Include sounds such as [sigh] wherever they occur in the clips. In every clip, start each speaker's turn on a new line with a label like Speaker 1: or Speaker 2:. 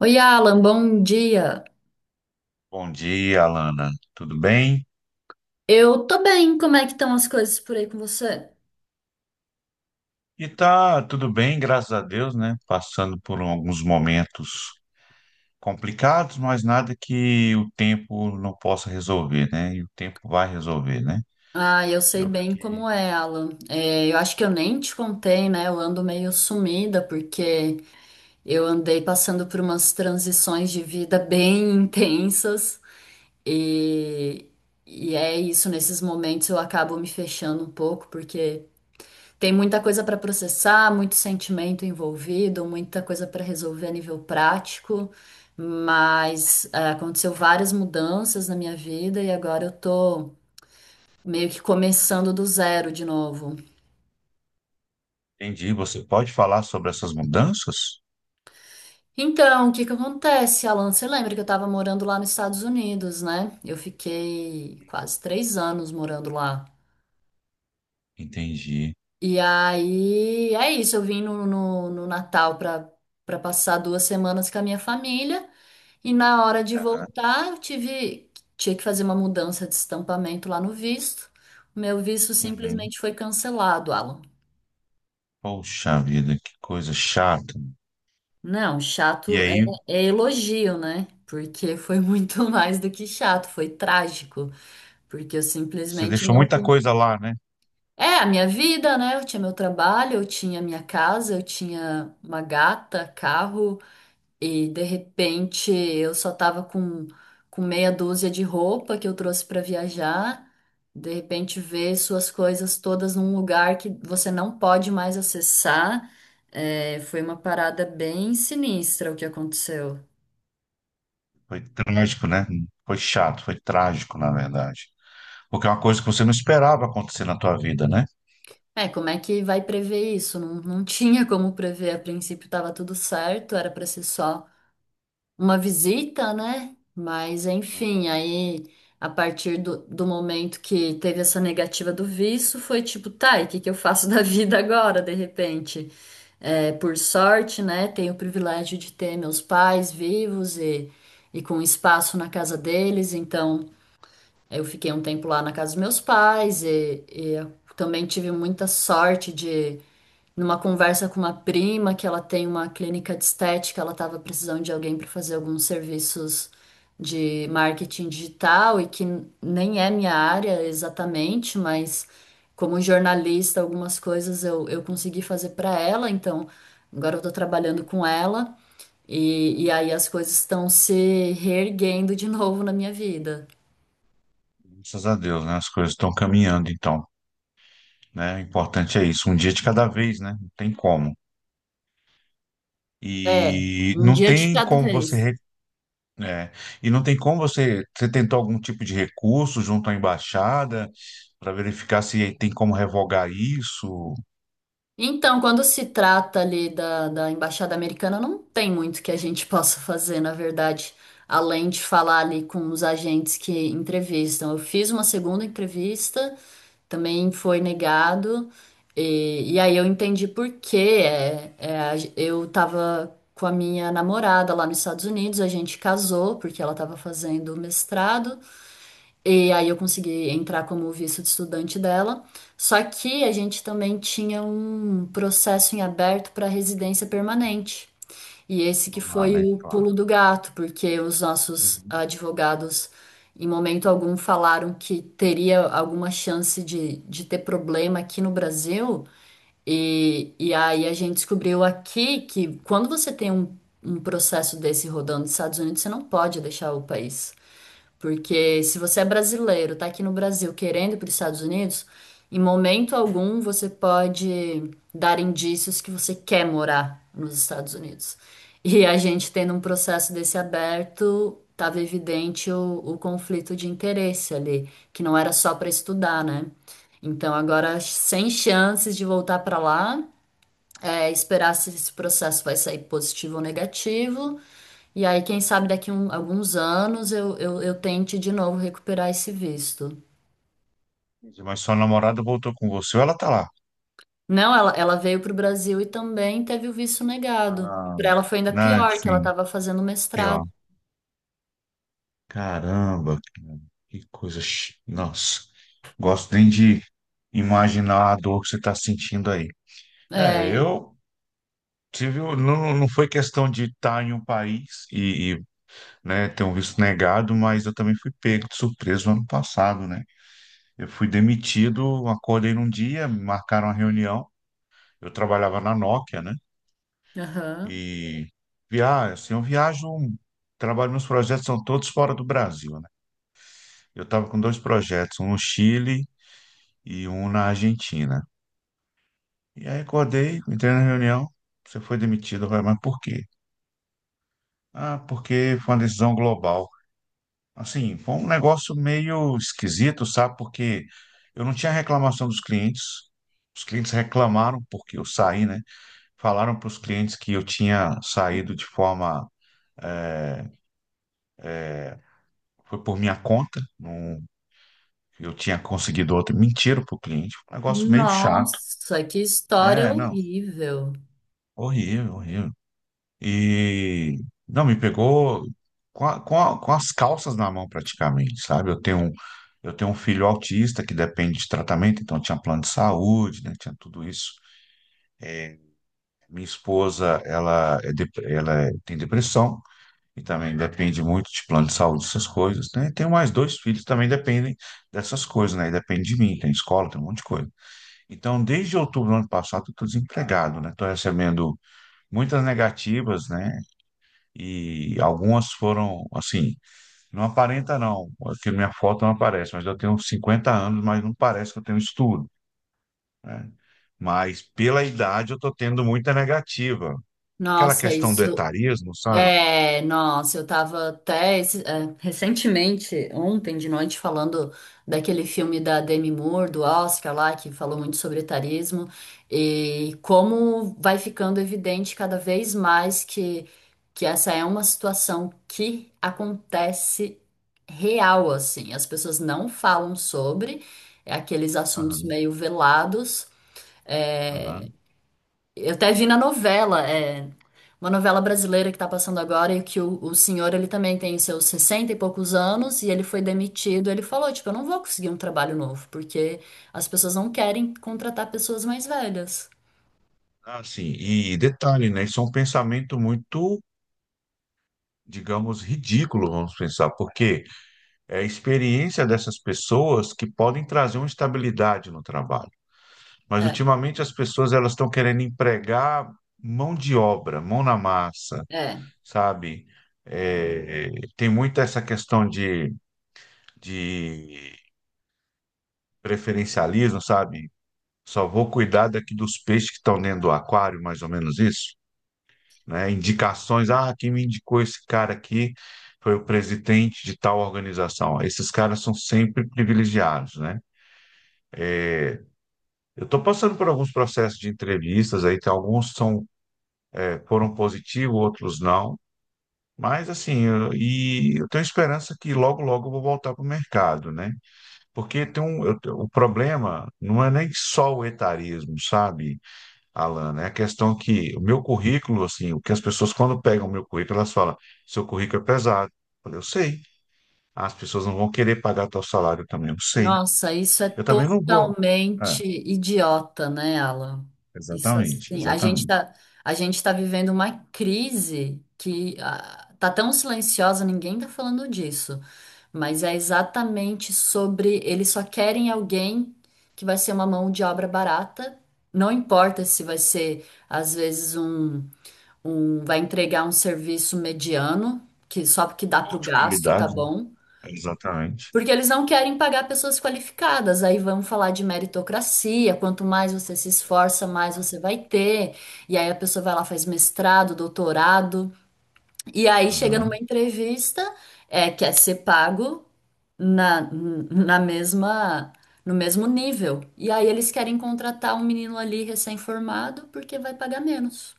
Speaker 1: Oi, Alan, bom dia.
Speaker 2: Bom dia, Alana. Tudo bem?
Speaker 1: Eu tô bem, como é que estão as coisas por aí com você?
Speaker 2: E tá tudo bem, graças a Deus, né? Passando por alguns momentos complicados, mas nada que o tempo não possa resolver, né? E o tempo vai resolver, né?
Speaker 1: Ah, eu sei
Speaker 2: Eu
Speaker 1: bem
Speaker 2: fiquei...
Speaker 1: como é, Alan. É, eu acho que eu nem te contei, né? Eu ando meio sumida porque eu andei passando por umas transições de vida bem [laughs] intensas e, e é isso, nesses momentos eu acabo me fechando um pouco porque tem muita coisa para processar, muito sentimento envolvido, muita coisa para resolver a nível prático, mas é, aconteceu várias mudanças na minha vida e agora eu tô meio que começando do zero de novo.
Speaker 2: Entendi. Você pode falar sobre essas mudanças?
Speaker 1: Então, o que que acontece, Alan? Você lembra que eu tava morando lá nos Estados Unidos, né? Eu fiquei quase 3 anos morando lá.
Speaker 2: Entendi.
Speaker 1: E aí, é isso, eu vim no Natal para passar 2 semanas com a minha família. E na hora de
Speaker 2: Aham.
Speaker 1: voltar, tinha que fazer uma mudança de estampamento lá no visto. O meu visto
Speaker 2: Uhum.
Speaker 1: simplesmente foi cancelado, Alan.
Speaker 2: Poxa vida, que coisa chata.
Speaker 1: Não,
Speaker 2: E
Speaker 1: chato é,
Speaker 2: aí,
Speaker 1: é elogio, né? Porque foi muito [laughs] mais do que chato, foi trágico. Porque eu
Speaker 2: você
Speaker 1: simplesmente
Speaker 2: deixou
Speaker 1: não.
Speaker 2: muita coisa lá, né?
Speaker 1: É a minha vida, né? Eu tinha meu trabalho, eu tinha minha casa, eu tinha uma gata, carro. E de repente eu só tava com meia dúzia de roupa que eu trouxe para viajar. De repente ver suas coisas todas num lugar que você não pode mais acessar. É, foi uma parada bem sinistra o que aconteceu.
Speaker 2: Foi trágico, né? Foi chato, foi trágico, na verdade. Porque é uma coisa que você não esperava acontecer na tua vida, né?
Speaker 1: É, como é que vai prever isso? Não, não [laughs] tinha como prever. A princípio estava tudo certo, era para ser só uma visita, né? Mas enfim,
Speaker 2: Uhum.
Speaker 1: aí a partir do momento que teve essa negativa do visto, foi tipo, tá, e o que que eu faço [laughs] da vida agora, de repente? É, por sorte, né? Tenho o privilégio de ter meus pais vivos e com espaço na casa deles, então eu fiquei um tempo lá na casa dos meus pais e eu também tive muita sorte de numa conversa com uma prima que ela tem uma clínica de estética, ela estava precisando de alguém para fazer alguns serviços de marketing digital e que nem é minha área exatamente, mas como jornalista, algumas coisas eu consegui fazer para ela, então agora eu estou trabalhando com ela e aí as coisas estão se reerguendo de [laughs] novo na minha vida.
Speaker 2: Graças a Deus, né? As coisas estão caminhando, então, né? O importante é isso, um dia de cada vez, né? Não tem como.
Speaker 1: É,
Speaker 2: E
Speaker 1: um
Speaker 2: não
Speaker 1: dia de
Speaker 2: tem
Speaker 1: cada
Speaker 2: como você,
Speaker 1: vez.
Speaker 2: é, e não tem como você, você tentou algum tipo de recurso junto à embaixada para verificar se tem como revogar isso
Speaker 1: Então, quando se trata ali da Embaixada Americana, não tem muito que a gente [laughs] possa fazer, na verdade, além de falar ali com os agentes que entrevistam. Eu fiz uma segunda entrevista, também foi negado, e aí eu entendi por quê. Eu estava com a minha namorada lá nos Estados Unidos, a gente casou porque ela estava fazendo mestrado. E aí eu consegui entrar como visto de estudante dela. Só que a gente também tinha um processo em aberto para residência permanente. E esse que
Speaker 2: lá,
Speaker 1: foi
Speaker 2: né?
Speaker 1: o
Speaker 2: Claro.
Speaker 1: pulo do gato, porque os nossos
Speaker 2: Uhum.
Speaker 1: advogados, em momento algum, falaram que teria alguma chance de ter problema aqui no Brasil. E aí a gente descobriu aqui que quando você tem um processo desse rodando nos Estados Unidos, você não pode deixar o país. Porque se você é brasileiro, tá aqui no Brasil querendo ir para os Estados Unidos, em momento algum você pode dar indícios que você quer morar nos Estados Unidos. E a gente tendo um processo desse aberto, tava evidente o conflito de interesse ali, que não era só para estudar, né? Então agora sem chances de voltar para lá, é, esperar se esse processo vai sair positivo ou negativo. E aí, quem sabe daqui um, alguns anos eu tente de novo recuperar esse visto.
Speaker 2: Mas sua namorada voltou com você, ou ela tá lá?
Speaker 1: Não, ela veio para o Brasil e também teve o visto negado.
Speaker 2: Ah,
Speaker 1: Para ela foi ainda
Speaker 2: né?
Speaker 1: pior, que ela
Speaker 2: Sim.
Speaker 1: estava fazendo mestrado.
Speaker 2: Caramba, cara, que coisa. Nossa, gosto nem de imaginar a dor que você está sentindo aí.
Speaker 1: É.
Speaker 2: Eu Não, não foi questão de estar em um país né, ter um visto negado, mas eu também fui pego de surpresa no ano passado, né? Eu fui demitido, acordei num dia, me marcaram uma reunião. Eu trabalhava na Nokia, né?
Speaker 1: Aham.
Speaker 2: E viajo, assim, eu viajo, trabalho, meus projetos são todos fora do Brasil, né? Eu estava com dois projetos, um no Chile e um na Argentina. E aí acordei, entrei na reunião, você foi demitido, vai, mas por quê? Ah, porque foi uma decisão global. Assim, foi um negócio meio esquisito, sabe? Porque eu não tinha reclamação dos clientes. Os clientes reclamaram porque eu saí, né? Falaram para os clientes que eu tinha saído de forma, eh, foi por minha conta, não, eu tinha conseguido outro. Mentiram para o cliente. Um negócio meio chato.
Speaker 1: Nossa, que história
Speaker 2: É, não,
Speaker 1: horrível.
Speaker 2: horrível, horrível. E não, me pegou com as calças na mão praticamente, sabe? Eu tenho um filho autista que depende de tratamento, então tinha plano de saúde, né? Tinha tudo isso. Minha esposa, ela, tem depressão e também depende muito de plano de saúde, essas coisas, né? Tenho mais dois filhos que também dependem dessas coisas, né? E depende de mim, tem escola, tem um monte de coisa. Então, desde outubro do ano passado, eu estou desempregado, né? Estou recebendo muitas negativas, né? E algumas foram, assim, não aparenta não, porque minha foto não aparece, mas eu tenho 50 anos, mas não parece que eu tenho estudo, né? Mas pela idade eu estou tendo muita negativa. Aquela
Speaker 1: Nossa,
Speaker 2: questão do
Speaker 1: isso.
Speaker 2: etarismo, sabe?
Speaker 1: É, nossa, eu tava até esse- é, recentemente, ontem de noite, falando daquele filme da Demi Moore, do Oscar lá, que falou muito sobre etarismo, e como vai ficando evidente cada vez mais que essa é uma situação que acontece real, assim. As pessoas não falam sobre é aqueles assuntos
Speaker 2: Aham,
Speaker 1: meio velados.
Speaker 2: aham.
Speaker 1: Eu até vi na novela, é, uma novela brasileira que tá passando agora, e que o senhor, ele também tem seus 60 e poucos anos, e ele foi demitido. Ele falou, tipo, eu não vou conseguir um trabalho novo, porque as pessoas não querem contratar pessoas mais velhas.
Speaker 2: Assim, e detalhe, né? Isso é um pensamento muito, digamos, ridículo, vamos pensar, porque é a experiência dessas pessoas que podem trazer uma estabilidade no trabalho. Mas
Speaker 1: É,
Speaker 2: ultimamente as pessoas elas estão querendo empregar mão de obra, mão na massa,
Speaker 1: é.
Speaker 2: sabe? É, tem muito essa questão de preferencialismo, sabe? Só vou cuidar daqui dos peixes que estão dentro do aquário, mais ou menos isso, né? Indicações, ah, quem me indicou esse cara aqui foi o presidente de tal organização. Esses caras são sempre privilegiados, né? Eu estou passando por alguns processos de entrevistas aí, tem alguns são, foram positivos, outros não. Mas assim, e eu tenho esperança que logo, logo eu vou voltar para o mercado, né? Porque o problema não é nem só o etarismo, sabe, Alan? É a questão que o meu currículo, assim, o que as pessoas quando pegam o meu currículo, elas falam, seu currículo é pesado. Eu falei, eu sei. As pessoas não vão querer pagar tal salário também, eu sei.
Speaker 1: Nossa, isso é
Speaker 2: Eu também não vou. É,
Speaker 1: totalmente idiota, né, Alan? Isso
Speaker 2: exatamente,
Speaker 1: assim,
Speaker 2: exatamente.
Speaker 1: a gente tá vivendo uma crise que ah, tá tão silenciosa, ninguém tá falando disso. Mas é exatamente sobre eles só querem alguém que vai ser uma mão de obra barata. Não importa se vai ser, às vezes, um vai entregar um serviço mediano, que só que dá para
Speaker 2: Ou
Speaker 1: o
Speaker 2: de
Speaker 1: gasto, tá
Speaker 2: qualidade, né?
Speaker 1: bom?
Speaker 2: Exatamente.
Speaker 1: Porque eles não querem pagar pessoas qualificadas. Aí vamos falar de meritocracia. Quanto mais você se esforça, mais você vai ter. E aí a pessoa vai lá, faz mestrado, doutorado. E aí chega numa
Speaker 2: Aham.
Speaker 1: entrevista, é, quer ser pago na mesma, no mesmo nível. E aí eles querem contratar um menino ali recém-formado porque vai pagar menos.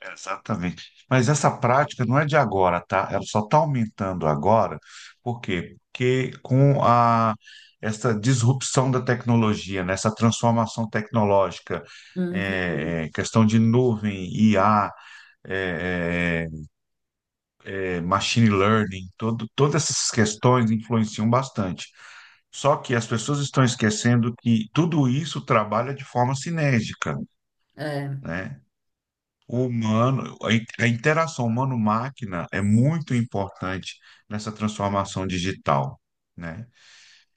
Speaker 2: Exatamente. Mas essa prática não é de agora, tá? Ela só está aumentando agora. Por quê? Porque com a, essa disrupção da tecnologia, né? Essa transformação tecnológica,
Speaker 1: Uhum,
Speaker 2: questão de nuvem, IA, é, machine learning, todo, todas essas questões influenciam bastante. Só que as pessoas estão esquecendo que tudo isso trabalha de forma sinérgica.
Speaker 1: é,
Speaker 2: Né? O humano, a interação humano-máquina é muito importante nessa transformação digital, né?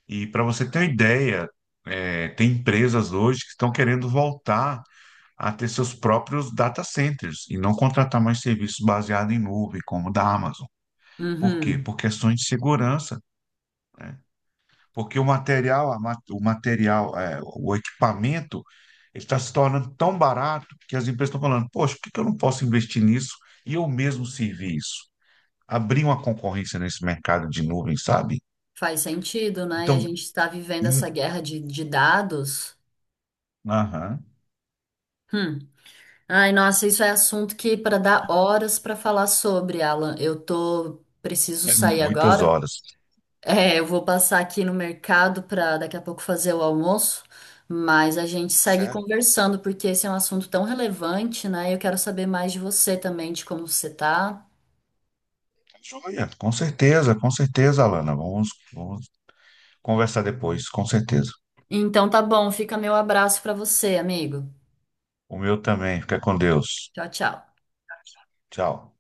Speaker 2: E para você ter uma ideia, é, tem empresas hoje que estão querendo voltar a ter seus próprios data centers e não contratar mais serviços baseados em nuvem, como o da Amazon. Por quê?
Speaker 1: uhum.
Speaker 2: Por questões de segurança. Porque o material, é, o equipamento, ele está se tornando tão barato que as empresas estão falando, poxa, por que que eu não posso investir nisso e eu mesmo servir isso? Abrir uma concorrência nesse mercado de nuvem, sabe?
Speaker 1: Faz sentido, né? E a
Speaker 2: Então,
Speaker 1: gente está vivendo
Speaker 2: hum,
Speaker 1: essa guerra de dados.
Speaker 2: aham,
Speaker 1: Hum. Ai, nossa, isso é assunto que para dar horas para falar sobre, Alan. Eu tô preciso
Speaker 2: é
Speaker 1: sair
Speaker 2: muitas
Speaker 1: agora.
Speaker 2: horas.
Speaker 1: É, eu vou passar aqui no mercado para daqui a pouco fazer o almoço, mas a gente segue
Speaker 2: Certo?
Speaker 1: conversando porque esse é um assunto tão relevante, né? Eu quero saber mais de você também, de como você tá.
Speaker 2: Tá joia, com certeza, Alana. Vamos, vamos conversar depois, com certeza.
Speaker 1: Então tá bom, fica meu abraço para você, amigo.
Speaker 2: O meu também. Fica com Deus.
Speaker 1: Tchau, tchau.
Speaker 2: Tchau.